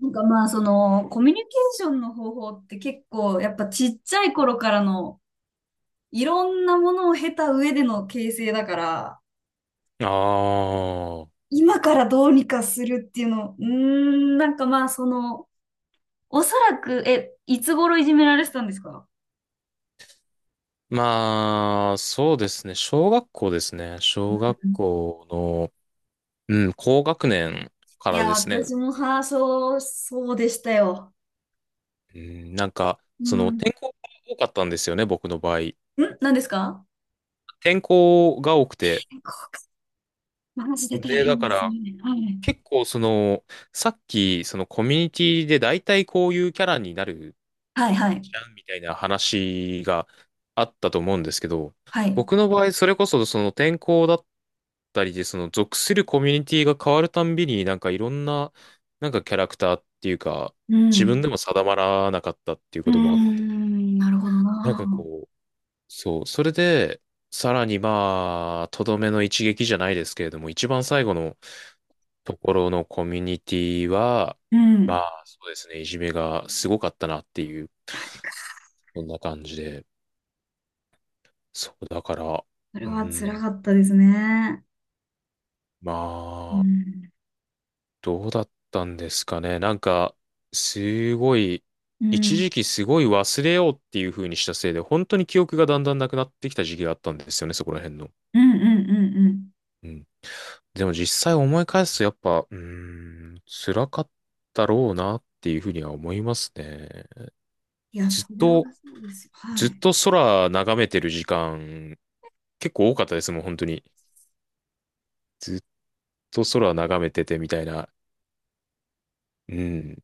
まあ、コミュニケーションの方法って結構、やっぱちっちゃい頃からの、いろんなものを経た上での形成だから、ああ。今からどうにかするっていうの、まあ、その、おそらく、え、いつ頃いじめられてたんですか？まあ、そうですね。小学校ですね。小学校の、うん、高学年かいらや、ですね。私も、はあ、そう、そうでしたよ。うん。転校が多かったんですよね、僕の場合。何ですか？転校が多くて。健康か。マジで大で、だ変かですね。ら、はい。結構その、さっき、そのコミュニティで大体こういうキャラになるはい、はい。じゃんみたいな話があったと思うんですけど、はい。僕の場合、それこそその転校だったりで、その属するコミュニティが変わるたんびに、なんかいろんな、なんかキャラクターっていうか、う自分ん。でも定まらなかったっていううーこともあって、ん、なるほどなんかな。こう、そう、それで、さらにまあ、とどめの一撃じゃないですけれども、一番最後のところのコミュニティは、うまん。あそうですね、いじめがすごかったなっていう、そんな感じで。そう、だから、それうは辛ん、かったですね。まうあ、ん。どうだったんですかね。なんか、すごい、う一ん。時期すごい忘れようっていう風にしたせいで、本当に記憶がだんだんなくなってきた時期があったんですよね、そこら辺の。うんうんうんうん。うん。でも実際思い返すと、やっぱ、辛かったろうなっていう風には思いますね。いや、ずっそれはと、そうですよ。はずっい。と空眺めてる時間、結構多かったですもん、本当に。ずっと空眺めててみたいな。うん。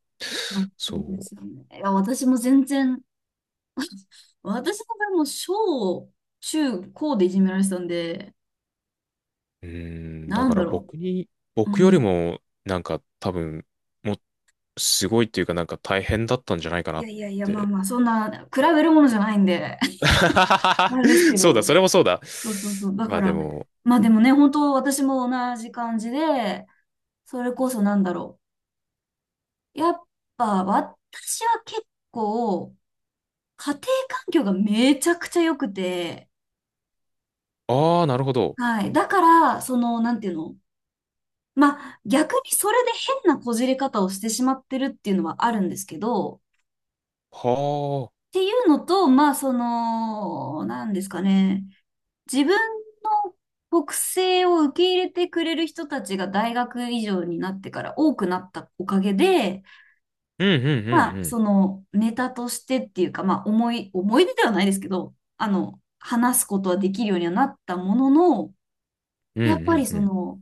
まあ、そうでそすよね。いや、私も全然、私の場合も小、中、高でいじめられてたんで、う。うん。だなんかだらろ僕に、う。う僕よりん。も、なんか多分、もう、すごいっていうか大変だったんじゃないかないやっいやいや、まあて。まあ、そんな、比べるものじゃないんで、あれです けそうだ、そど、れもそうだ。そうそうそう。だまかあでら、も、まあでもね、本当私も同じ感じで、それこそなんだろう。やっぱ、私は結構、家庭環境がめちゃくちゃ良くて、ああ、なるほど。はい。だから、なんていうのまあ、逆にそれで変なこじれ方をしてしまってるっていうのはあるんですけど、っはあ。ていうのと、まあ、なんですかね。自分の国性を受け入れてくれる人たちが大学以上になってから多くなったおかげで、うんうんうんまあ、うん。ネタとしてっていうか、まあ、思い出ではないですけど、話すことはできるようにはなったものの、うんやっぱりうんうん。の、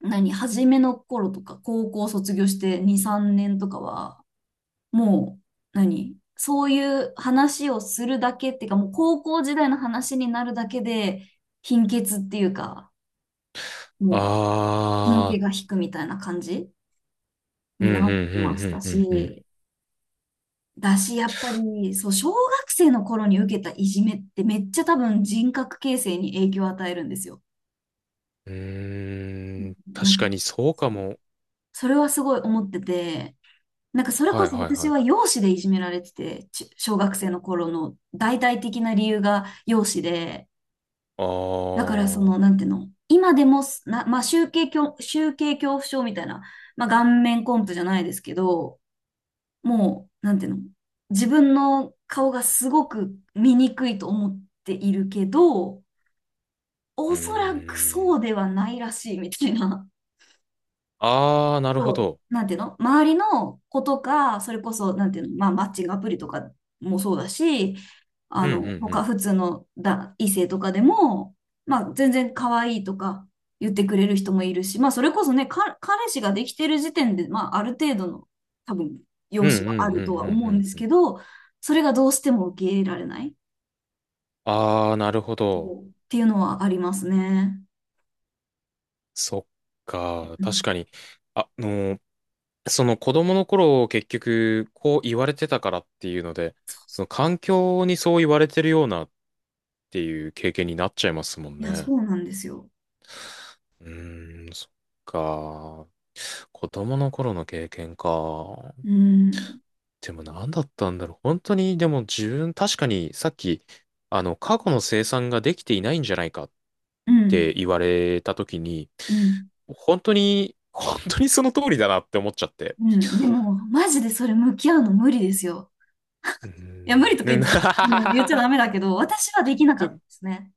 何、初めの頃とか、高校卒業して2、3年とかは、もう、そういう話をするだけっていうか、もう高校時代の話になるだけで、貧血っていうか、もう、血のあ気あ。が引くみたいな感じうにんうなんってうましたんうんうんうん。し、だし、やっぱり、そう、小学生の頃に受けたいじめってめっちゃ多分人格形成に影響を与えるんですよ。うーん。なん確かかにそうかも。それはすごい思ってて、なんかそれはこいそはい私はい。は容姿でいじめられてて、小学生の頃の大々的な理由が容姿で、あだからあ。うなんていうの、今でもまあ、集計恐怖症みたいな、まあ、顔面コンプじゃないですけど、もう、なんていうの、自分の顔がすごく醜いと思っているけど、ーおそらくそん。うではないらしいみたいな。ああ、なるほそど。う、なんていうの周りの子とか、それこそ、なんていうの、まあ、マッチングアプリとかもそうだし、うんうんう他、ん。普通の異性とかでも、まあ、全然可愛いとか言ってくれる人もいるし、まあ、それこそね、彼氏ができてる時点で、まあ、ある程度の、多分、容うんうん姿うんはうあんるとは思ううんでんすうけん。ど、それがどうしても受け入れられない、ああ、なるほそど。う、っていうのはありますね。そっか。う確ん。かに。ああのー、その子供の頃結局こう言われてたからっていうので、そうそのそ環境にそう言われてるようなっていう経験になっちゃいますもんう、いや、ね。そうなんですよ。そっか。子供の頃の経験か。うん。でも何だったんだろう。本当に、でも自分、確かにさっき、過去の生産ができていないんじゃないかっうん。て言われた時に、うん。本当にその通りだなって思っちゃって。うん、でも、マジでそれ向き合うの無理ですよ。うーいや、無理ん。とかねな 言っちゃダ メだけど、私はできなかでったでもすね。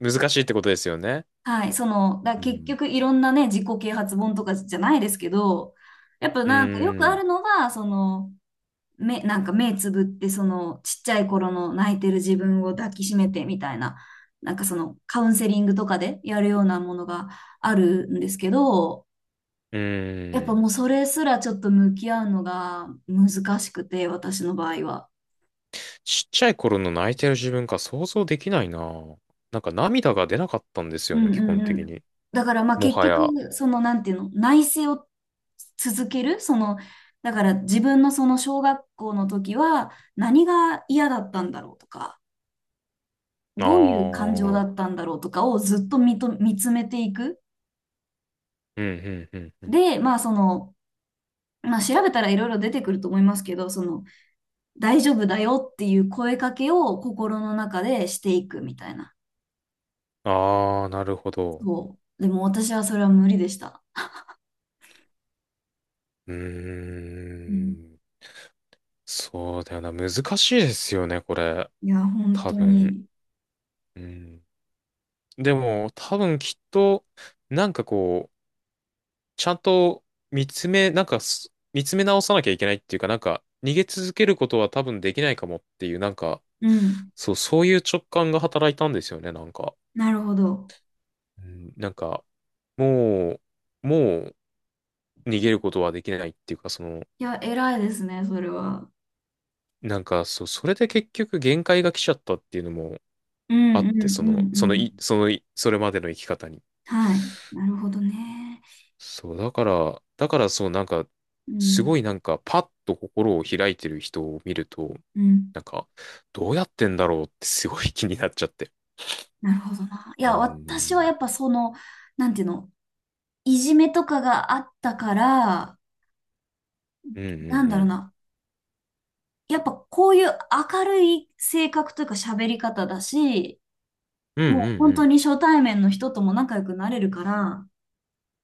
難しいってことですよね。はい、う結ん。局いろんなね、自己啓発本とかじゃないですけど、やっぱうなんかよくーあん。るのは、目、なんか目つぶって、ちっちゃい頃の泣いてる自分を抱きしめてみたいな、カウンセリングとかでやるようなものがあるんですけど、うやっぱーん。もうそれすらちょっと向き合うのが難しくて、私の場合は。ちっちゃい頃の泣いてる自分が想像できないな。なんか涙が出なかったんですうよんね、基うん本う的ん。に。だからまあも結はや。あ局、なんていうの、内省を続ける、だから自分のその小学校の時は何が嫌だったんだろうとか、どういう感情あ。うだん、ったんだろうとかをずっと見つめていく。うん。で、まあまあ調べたらいろいろ出てくると思いますけど、大丈夫だよっていう声かけを心の中でしていくみたいな。ああ、なるほど。そう。でも私はそれは無理でした。うーうん、ん。そうだよな。難しいですよね、これ。いや、本多当分。に。うん。でも、多分きっと、なんかこう、ちゃんと見つめ直さなきゃいけないっていうか、逃げ続けることは多分できないかもっていう、うん。そういう直感が働いたんですよね、なんか。なるほど。うん、なんか、ももう逃げることはできないっていうか、いや、偉いですね、それは。それで結局限界が来ちゃったっていうのもうあんっうて、んそうの、んそのうん。い、そのい、それまでの生き方に。はい。なるほどね。だから、うすごん。いなんか、パッと心を開いてる人を見ると、うん。なんか、どうやってんだろうってすごい 気になっちゃって。なるほどな。いうーや、私はん、やっぱなんていうの、いじめとかがあったから、うんうんなんだうろうん。な。やっぱこういう明るい性格というか喋り方だし、うんもうう本当んに初対面の人とも仲良くなれるから、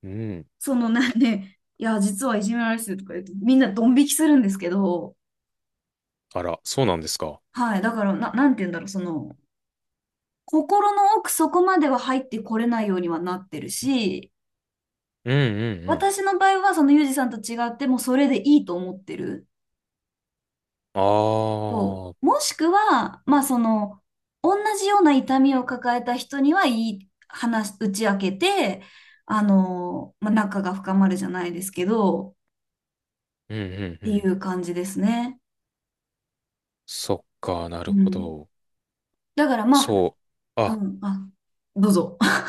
うん。うん。なんで、いや、実はいじめられてるとか言うと、みんなドン引きするんですけど、あら、そうなんですか。はい。だから、なんていうんだろう、心の奥そこまでは入ってこれないようにはなってるし、うんうんうん。私の場合はそのユージさんと違ってもうそれでいいと思ってる。あそあ、うう。んもしくは、まあ同じような痛みを抱えた人にはいい話、打ち明けて、まあ、仲が深まるじゃないですけど、っうんうていん。う感じですね。そっか、なるうほん。ど。だからまそあ、う。うん、あ、どうぞ。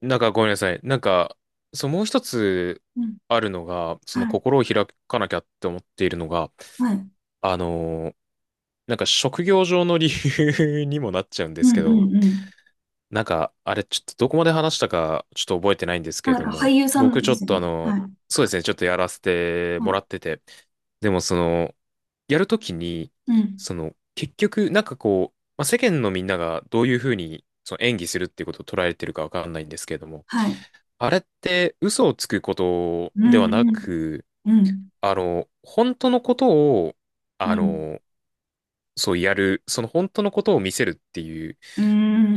なんかごめんなさい。もう一つうん、あるのが、そのはい、心を開かなきゃって思っているのが、はい。あのーなんか職業上の理由 にもなっちゃうんでうすん、うけん、ど、うん。なんか、あれ、ちょっとどこまで話したか、ちょっと覚えてないんですけれなんどか俳も、優さ僕んちでょっすよとね。あの、はい、そうですね、ちょっとやらせてはもい。らってて、でもその、やるときに、うん。結局、世間のみんながどういうふうに、その演技するっていうことを捉えてるかわかんないんですけれども、はい。あれって嘘をつくことうでん、はなうん、く、うん、あの、本当のことを、うあん、の、そうやる、その本当のことを見せるっていうう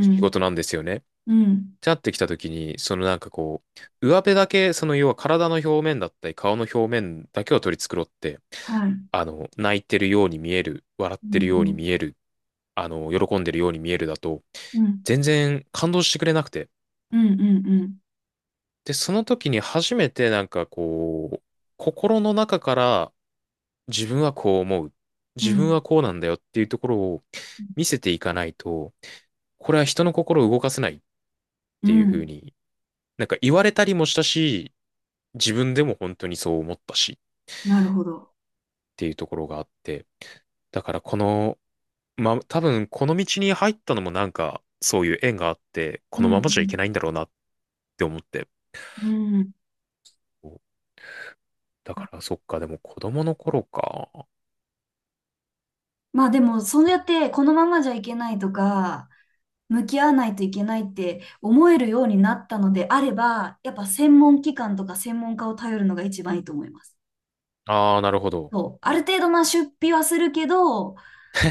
仕事なんですよね。うん、じゃってきた時に、上辺だけ、その要は体の表面だったり、顔の表面だけを取り繕って、はい。う泣いてるように見える、笑っん、うてるようにん、見える、喜んでるように見えるだと、うん、全然感動してくれなくて、うん、うん、で、その時に初めて心の中から自分はこう思う。う自分ん、はこうなんだよっていうところを見せていかないと、これは人の心を動かせないっうてん、いううふうん。に、なんか言われたりもしたし、自分でも本当にそう思ったしっなるほど。ていうところがあって、だからこの、まあ、多分この道に入ったのもなんかそういう縁があって、うこのままじゃいけん、ないんだろうなって思って。うん、うん。だからそっか、でも子供の頃か。まあでも、そうやって、このままじゃいけないとか、向き合わないといけないって思えるようになったのであれば、やっぱ専門機関とか専門家を頼るのが一番いいと思います。ああ、なるほど。そう、ある程度まあ出費はするけど、カ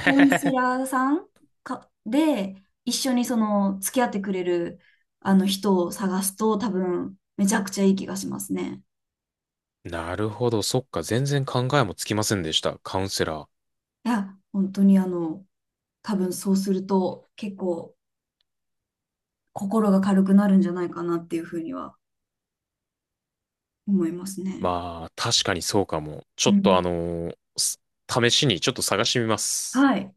ウンセラーさんかで一緒にその付き合ってくれるあの人を探すと多分めちゃくちゃいい気がしますね。なるほど。そっか。全然考えもつきませんでした。カウンセラー。いや、本当にあの多分そうすると結構心が軽くなるんじゃないかなっていうふうには思いますね。まあ、確かにそうかも。ちょうっとあん。のーす試しにちょっと探してみます。はい。